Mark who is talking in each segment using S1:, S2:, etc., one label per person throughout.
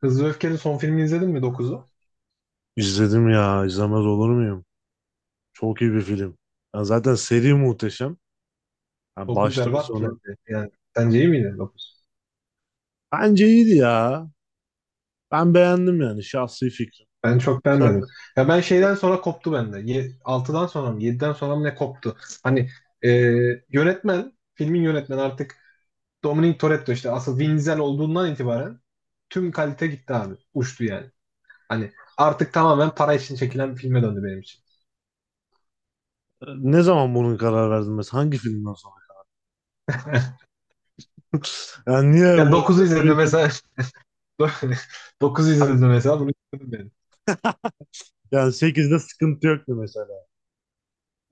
S1: Hızlı ve Öfke'nin son filmini izledin mi dokuzu?
S2: İzledim ya, izlemez olur muyum? Çok iyi bir film. Ya zaten seri muhteşem. Ya
S1: 9
S2: baştan
S1: berbattı
S2: sona.
S1: bence. Yani sence iyi miydi 9?
S2: Bence iyiydi ya. Ben beğendim yani şahsi fikrim.
S1: Ben çok
S2: Sen
S1: beğenmedim. Ya ben şeyden sonra koptu bende. 6'dan sonra mı 7'den sonra mı ne koptu? Hani e, yönetmen, filmin yönetmeni artık Dominic Toretto işte asıl Vin Diesel olduğundan itibaren tüm kalite gitti abi. Uçtu yani. Hani artık tamamen para için çekilen bir filme döndü benim için.
S2: ne zaman bunun karar verdin mesela? Hangi filmden sonra? Yani niye
S1: Ya
S2: bu?
S1: dokuzu izledim mesela. Dokuzu izledim mesela bunu izledim ben.
S2: Yani 8'de sıkıntı yoktu mesela.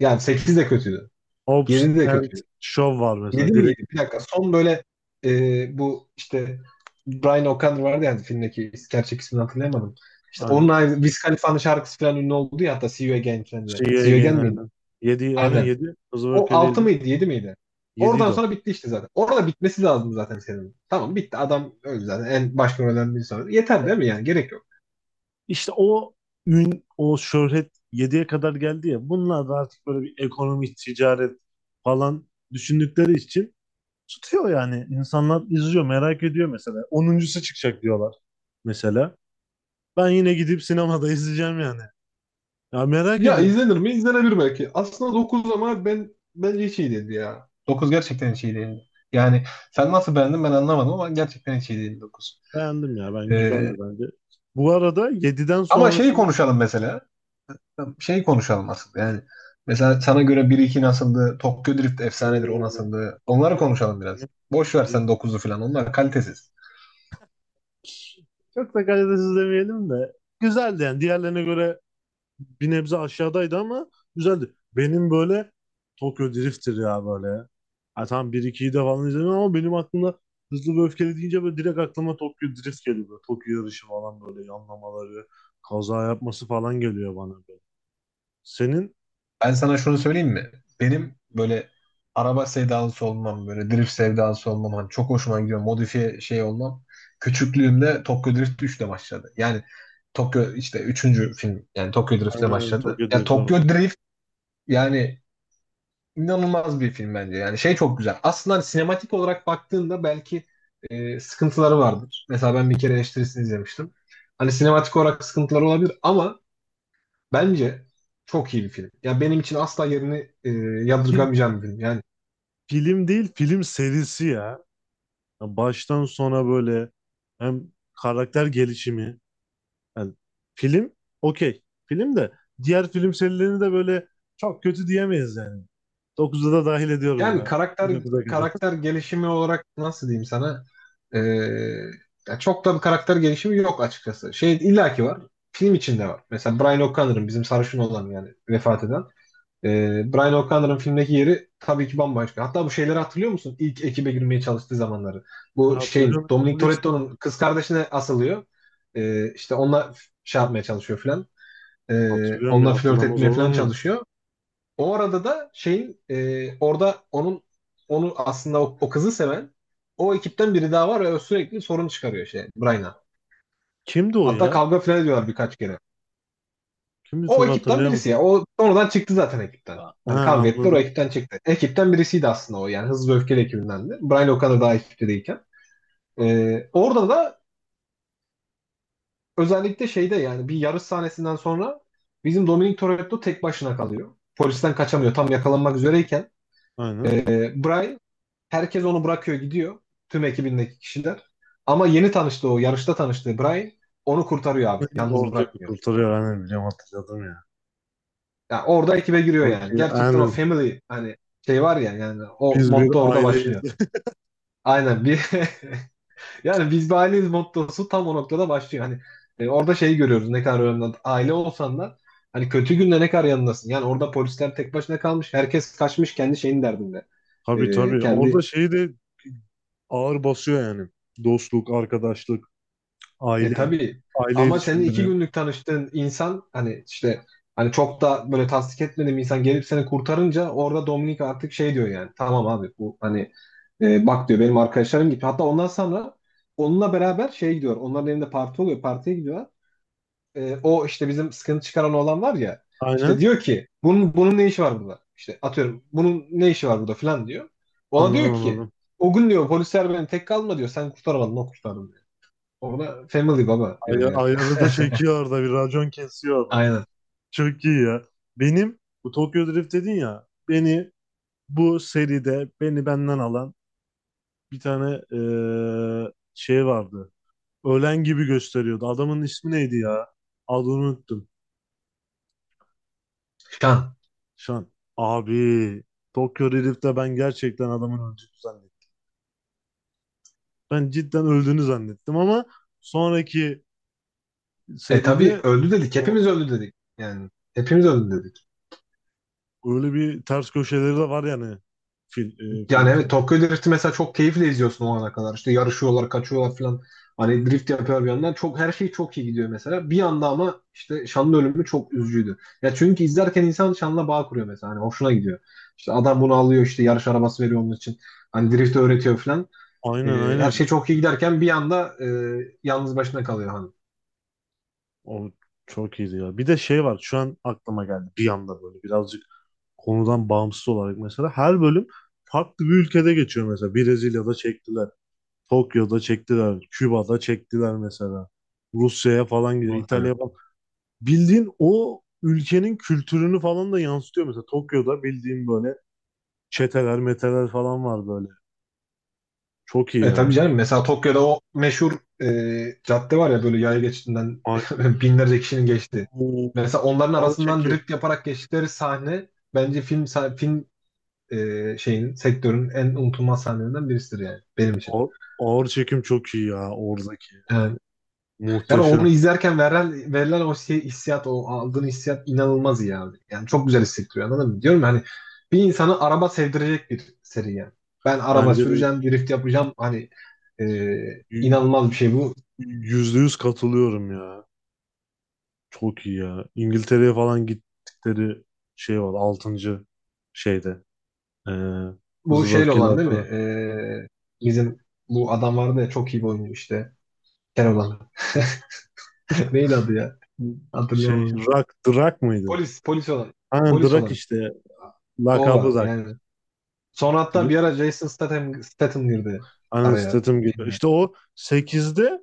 S1: Yani 8 de kötüydü.
S2: Hobbs
S1: 7 de
S2: and
S1: kötüydü.
S2: Shaw var mesela
S1: 7 miydi?
S2: direkt.
S1: Bir dakika. Son böyle, bu işte Brian O'Connor vardı yani filmdeki gerçek ismini hatırlayamadım. İşte onun
S2: Aynen.
S1: aynı Wiz Khalifa'nın şarkısı falan ünlü oldu ya hatta See You Again falan diye.
S2: See you
S1: See You
S2: again
S1: Again miydi?
S2: aynen. Yedi. Aynen
S1: Aynen.
S2: 7. Hızlı ve
S1: O 6
S2: Öfkeliydi.
S1: mıydı yedi miydi?
S2: 7.
S1: Oradan sonra bitti işte zaten. Orada bitmesi lazım zaten senin. Tamam bitti. Adam öldü zaten. En başka ölen bir sonra. Yeter değil mi yani? Gerek yok.
S2: İşte o ün, o şöhret 7'ye kadar geldi ya. Bunlar da artık böyle bir ekonomi, ticaret falan düşündükleri için tutuyor yani. İnsanlar izliyor, merak ediyor mesela. Onuncusu çıkacak diyorlar mesela. Ben yine gidip sinemada izleyeceğim yani. Ya merak
S1: Ya
S2: ediyorum.
S1: izlenir mi? İzlenebilir belki. Aslında 9 ama ben bence hiç iyi değildi ya. Dokuz gerçekten hiç iyi değildi. Yani sen nasıl beğendin ben anlamadım ama gerçekten hiç iyi değildi 9.
S2: Beğendim ya. Ben güzeldi
S1: Ee,
S2: bence. Bu arada yediden
S1: ama şeyi
S2: sonrasını
S1: konuşalım mesela. Şeyi konuşalım aslında yani. Mesela sana göre bir iki nasıldı? Tokyo Drift efsanedir, o
S2: o
S1: nasıldı?
S2: çok
S1: Onları
S2: kötü.
S1: konuşalım biraz. Boş ver
S2: Benim-
S1: sen dokuzu falan. Onlar kalitesiz.
S2: Çok da kalitesiz demeyelim de güzeldi yani. Diğerlerine göre bir nebze aşağıdaydı ama güzeldi. Benim böyle Tokyo Drift'tir ya böyle. Ha, tamam 1-2'yi de falan izledim ama benim aklımda Hızlı ve Öfkeli deyince böyle direkt aklıma Tokyo Drift geliyor. Böyle Tokyo yarışı falan böyle yanlamaları, kaza yapması falan geliyor bana böyle. Senin
S1: Ben sana şunu söyleyeyim mi? Benim böyle araba sevdalısı olmam, böyle drift sevdalısı olmam, hani çok hoşuma gidiyor, modifiye şey olmam. Küçüklüğümde Tokyo Drift 3'le başladı. Yani Tokyo işte üçüncü film, yani Tokyo
S2: aynen,
S1: Drift'le
S2: aynen,
S1: başladı.
S2: Tokyo
S1: Yani
S2: Drift
S1: Tokyo
S2: tabii.
S1: Drift yani inanılmaz bir film bence. Yani şey çok güzel. Aslında hani sinematik olarak baktığında belki sıkıntıları vardır. Mesela ben bir kere eleştirisini izlemiştim. Hani sinematik olarak sıkıntıları olabilir ama bence çok iyi bir film. Ya benim için asla yerini e,
S2: Bir
S1: yadırgamayacağım bir film. Yani
S2: film değil, film serisi ya. Ya baştan sona böyle hem karakter gelişimi. Yani film okey. Film de diğer film serilerini de böyle çok kötü diyemeyiz yani. 9'u da dahil ediyorum
S1: yani
S2: buna.
S1: karakter
S2: 9'a kadar.
S1: karakter gelişimi olarak nasıl diyeyim sana? E, ya çok da bir karakter gelişimi yok açıkçası. Şey illaki var. Film içinde var. Mesela Brian O'Connor'ın bizim sarışın olan yani vefat eden. E, Brian O'Connor'ın filmdeki yeri tabii ki bambaşka. Hatta bu şeyleri hatırlıyor musun? İlk ekibe girmeye çalıştığı zamanları. Bu şeyin
S2: Hatırlıyorum.
S1: Dominic
S2: Polisi bu.
S1: Toretto'nun kız kardeşine asılıyor. İşte onunla şey yapmaya çalışıyor filan.
S2: Hatırlıyorum ya.
S1: Onunla flört
S2: Hatırlamaz
S1: etmeye
S2: olur
S1: falan
S2: muyum?
S1: çalışıyor. O arada da şeyin, orada onun onu aslında o kızı seven o ekipten biri daha var ve o sürekli sorun çıkarıyor şey Brian'a.
S2: Kimdi o
S1: Hatta
S2: ya?
S1: kavga falan ediyorlar birkaç kere.
S2: Kimdi
S1: O
S2: çok
S1: ekipten
S2: hatırlayamam.
S1: birisi ya. O sonradan çıktı zaten ekipten.
S2: Ha,
S1: Hani kavga ettiler, o
S2: anladım.
S1: ekipten çıktı. Ekipten birisiydi aslında o, yani Hızlı ve Öfkeli ekibindendi. Brian o kadar daha ekipte değilken. Orada da özellikle şeyde yani bir yarış sahnesinden sonra bizim Dominic Toretto tek başına kalıyor. Polisten kaçamıyor, tam yakalanmak üzereyken.
S2: Aynen.
S1: Bray herkes onu bırakıyor gidiyor. Tüm ekibindeki kişiler. Ama yeni tanıştığı, o yarışta tanıştığı Bray onu kurtarıyor abi. Yalnız
S2: Orada
S1: bırakmıyor.
S2: kurtarıyor. Aynen, biliyorum, hatırladım ya.
S1: Yani orada ekibe giriyor
S2: Çok
S1: yani. Gerçekten o
S2: aynen.
S1: family, hani şey var ya, yani o
S2: Biz bir
S1: motto orada
S2: aileyiz.
S1: başlıyor. Aynen bir yani biz bir aileyiz mottosu tam o noktada başlıyor. Hani orada şeyi görüyoruz ne kadar önemli. Aile olsan da hani kötü günde ne kadar yanındasın. Yani orada polisler tek başına kalmış. Herkes kaçmış kendi şeyin derdinde.
S2: Tabii, tabii. Orada
S1: Kendi
S2: şeyi de ağır basıyor yani. Dostluk, arkadaşlık,
S1: E
S2: aile,
S1: tabii
S2: aile
S1: ama senin iki
S2: ilişkileri.
S1: günlük tanıştığın insan, hani işte hani çok da böyle tasdik etmediğim insan gelip seni kurtarınca orada Dominik artık şey diyor yani, tamam abi bu hani, bak diyor benim arkadaşlarım gibi. Hatta ondan sonra onunla beraber şey gidiyor, onların evinde parti oluyor, partiye gidiyorlar. O işte bizim sıkıntı çıkaran olan var ya,
S2: Aynen.
S1: işte diyor ki bunun ne işi var burada? İşte atıyorum bunun ne işi var burada falan diyor. Ona diyor
S2: Anladım,
S1: ki
S2: anladım.
S1: o gün diyor polisler beni tek kalma diyor, sen kurtaramadın, o kurtardı diyor. Ona family baba
S2: Ay
S1: diyor yani.
S2: ayarı da çekiyor orada, bir racon kesiyor orada.
S1: Aynen.
S2: Çok iyi ya. Benim bu Tokyo Drift dedin ya, beni bu seride beni benden alan bir tane şey vardı. Ölen gibi gösteriyordu. Adamın ismi neydi ya? Adını unuttum.
S1: Şan.
S2: Şan. Abi Tokyo Drift'te ben gerçekten adamın öldüğünü zannettim. Ben cidden öldüğünü zannettim ama sonraki
S1: E tabii,
S2: seride
S1: öldü dedik. Hepimiz öldü dedik. Yani hepimiz öldü dedik.
S2: öyle bir ters köşeleri de var yani fil,
S1: Yani
S2: film
S1: evet,
S2: seri.
S1: Tokyo Drift'i mesela çok keyifle izliyorsun o ana kadar. İşte yarışıyorlar, kaçıyorlar falan. Hani drift yapıyor bir yandan. Çok, her şey çok iyi gidiyor mesela. Bir yanda ama işte Şan'ın ölümü çok üzücüydü. Ya çünkü izlerken insan Şan'la bağ kuruyor mesela. Hani hoşuna gidiyor. İşte adam bunu alıyor, işte yarış arabası veriyor onun için. Hani drift öğretiyor falan. E,
S2: Aynen,
S1: her
S2: aynen.
S1: şey çok iyi giderken bir anda yalnız başına kalıyor hani.
S2: O çok iyiydi ya. Bir de şey var, şu an aklıma geldi bir anda, böyle birazcık konudan bağımsız olarak mesela her bölüm farklı bir ülkede geçiyor mesela. Brezilya'da çektiler, Tokyo'da çektiler, Küba'da çektiler mesela. Rusya'ya falan gidiyor,
S1: Doğru
S2: İtalya'ya
S1: söylüyorsun.
S2: falan. Bildiğin o ülkenin kültürünü falan da yansıtıyor mesela. Tokyo'da bildiğin böyle çeteler, meteler falan var böyle. Çok iyi
S1: E tabii
S2: ya.
S1: canım, mesela Tokyo'da o meşhur cadde var ya, böyle yaya geçidinden
S2: Aynen.
S1: binlerce kişinin geçti.
S2: Oo,
S1: Mesela onların
S2: ağır
S1: arasından
S2: çekim.
S1: drift yaparak geçtikleri sahne bence film sah- film e, şeyin sektörün en unutulmaz sahnelerinden birisidir yani benim için.
S2: Ağır, Ağır çekim çok iyi ya oradaki.
S1: Yani, yani onu
S2: Muhteşem.
S1: izlerken verilen hissiyat, o aldığın hissiyat inanılmaz iyi abi. Yani çok güzel hissettiriyor, anladın mı? Diyorum ya hani bir insanı araba sevdirecek bir seri yani. Ben araba
S2: Bence de
S1: süreceğim, drift yapacağım, hani e,
S2: y-
S1: inanılmaz bir şey bu.
S2: yüzde yüz katılıyorum ya. Çok iyi ya. İngiltere'ye falan gittikleri şey var. Altıncı şeyde. Ee,
S1: Bu
S2: Hızlı ve
S1: şeyle
S2: Öfkeli
S1: olan değil mi?
S2: altıda.
S1: Bizim bu adam vardı ya, çok iyi bir oyuncu işte. Kel olan. Neydi adı ya?
S2: Şey,
S1: Hatırlayamadım.
S2: Rock, Drak mıydı?
S1: Polis olan.
S2: Aynen
S1: Polis
S2: Drak
S1: olan işte.
S2: işte.
S1: O
S2: Lakabı
S1: var
S2: Drak.
S1: yani. Sonra hatta bir ara Jason Statham girdi
S2: Aynen,
S1: araya.
S2: Statham geliyor.
S1: Yani,
S2: İşte o sekizde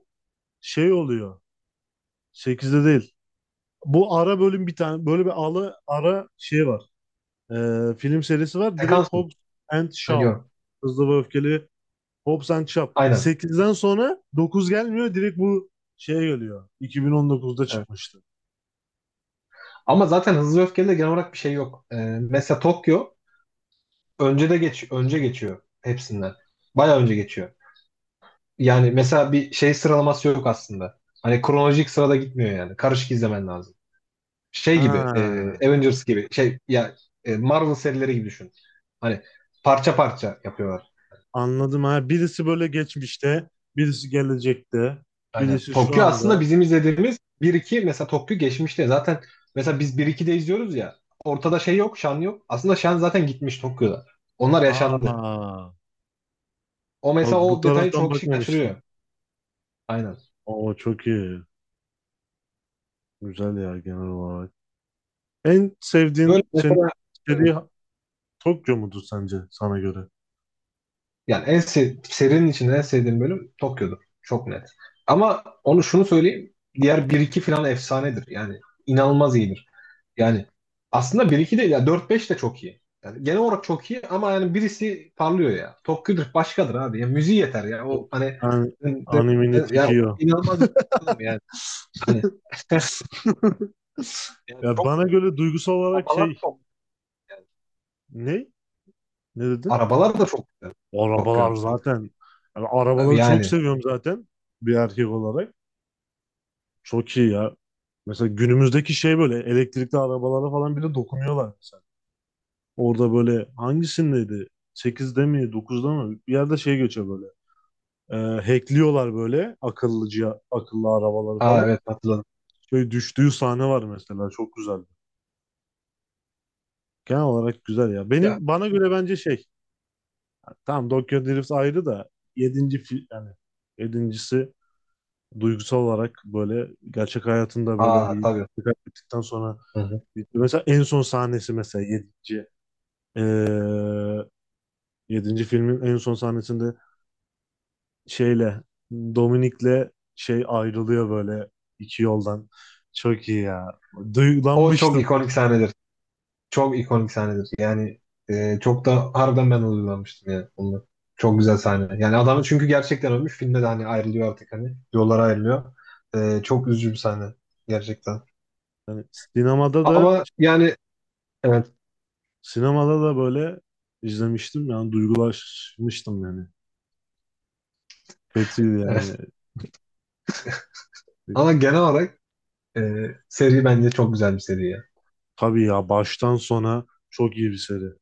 S2: şey oluyor. Sekizde değil. Bu ara bölüm, bir tane böyle bir ara şey var. Film serisi var. Direkt
S1: sekans mı?
S2: Hobbs and
S1: Ha,
S2: Shaw.
S1: yok.
S2: Hızlı ve Öfkeli Hobbs and Shaw.
S1: Aynen.
S2: Sekizden sonra 9 gelmiyor. Direkt bu şeye geliyor. 2019'da
S1: Evet.
S2: çıkmıştı.
S1: Ama zaten Hızlı Öfke'de de genel olarak bir şey yok. Mesela Tokyo önce geçiyor hepsinden. Bayağı önce geçiyor. Yani mesela bir şey sıralaması yok aslında. Hani kronolojik sırada gitmiyor yani. Karışık izlemen lazım. şey gibi
S2: Ha,
S1: Avengers gibi Marvel serileri gibi düşün. Hani parça parça yapıyorlar.
S2: anladım ha. Birisi böyle geçmişte, birisi gelecekte,
S1: Aynen.
S2: birisi şu
S1: Tokyo aslında
S2: anda.
S1: bizim izlediğimiz bir iki, mesela Tokyo geçmişte zaten, mesela biz 1-2'de izliyoruz ya, ortada şey yok, Şan yok. Aslında Şan zaten gitmiş Tokyo'da. Onlar yaşandı.
S2: Aa,
S1: O
S2: bak
S1: mesela,
S2: bu
S1: o detayı
S2: taraftan
S1: çoğu kişi
S2: bakmamıştım.
S1: kaçırıyor. Aynen.
S2: Oo, çok iyi. Güzel ya genel olarak. En
S1: Böyle
S2: sevdiğin senin
S1: mesela e,
S2: seri Tokyo mudur sence sana göre?
S1: Yani en sev serinin içinde en sevdiğim bölüm Tokyo'dur. Çok net. Ama onu şunu söyleyeyim. Diğer bir iki falan efsanedir. Yani inanılmaz iyidir. Yani aslında bir iki değil ya, dört beş de çok iyi. Yani genel olarak çok iyi ama yani birisi parlıyor ya. Tokyo'dur, başkadır abi. Ya müziği yeter ya. O hani,
S2: Yani animini
S1: ya o
S2: tikiyor.
S1: inanılmaz bir film yani. Hani yani
S2: Ya
S1: çok
S2: bana
S1: güzel.
S2: göre duygusal olarak
S1: Arabalar
S2: şey
S1: çok güzel.
S2: ne? Ne dedin?
S1: Arabalar da çok güzel.
S2: Arabalar
S1: Tokyo'nun. Çok,
S2: zaten. Yani arabaları çok
S1: yani.
S2: seviyorum zaten bir erkek olarak. Çok iyi ya. Mesela günümüzdeki şey böyle elektrikli arabalara falan bile dokunuyorlar mesela. Orada böyle hangisindeydi? 8'de mi 9'da mı? Bir yerde şey geçiyor böyle. Ee, Hackliyorlar böyle akıllı arabaları
S1: Aa
S2: falan.
S1: evet, hatırladım.
S2: Şöyle düştüğü sahne var mesela, çok güzeldi. Genel olarak güzel ya.
S1: Ya,
S2: Benim bana göre bence şey, tamam Tokyo Drift ayrı da yedinci fi- yani yedincisi duygusal olarak böyle gerçek hayatında böyle
S1: aa
S2: bir
S1: tabii.
S2: kaybettikten sonra
S1: Hı hı.
S2: mesela en son sahnesi, mesela yedinci eee, yedinci filmin en son sahnesinde şeyle, Dominik'le şey, ayrılıyor böyle iki yoldan. Çok iyi ya.
S1: O çok
S2: Duygulanmıştım.
S1: ikonik sahnedir. Çok ikonik sahnedir. Çok da harbiden ben duygulanmıştım yani onunla. Çok güzel sahne. Yani adam çünkü gerçekten ölmüş. Filmde de hani ayrılıyor artık hani. Yollara ayrılıyor. Çok üzücü bir sahne. Gerçekten.
S2: Yani sinemada da
S1: Ama yani evet.
S2: böyle izlemiştim yani, duygulaşmıştım yani. Kötüydü yani.
S1: evet. Ama genel olarak e, seri bence çok güzel bir seri ya.
S2: Tabii ya, baştan sona çok iyi bir seri.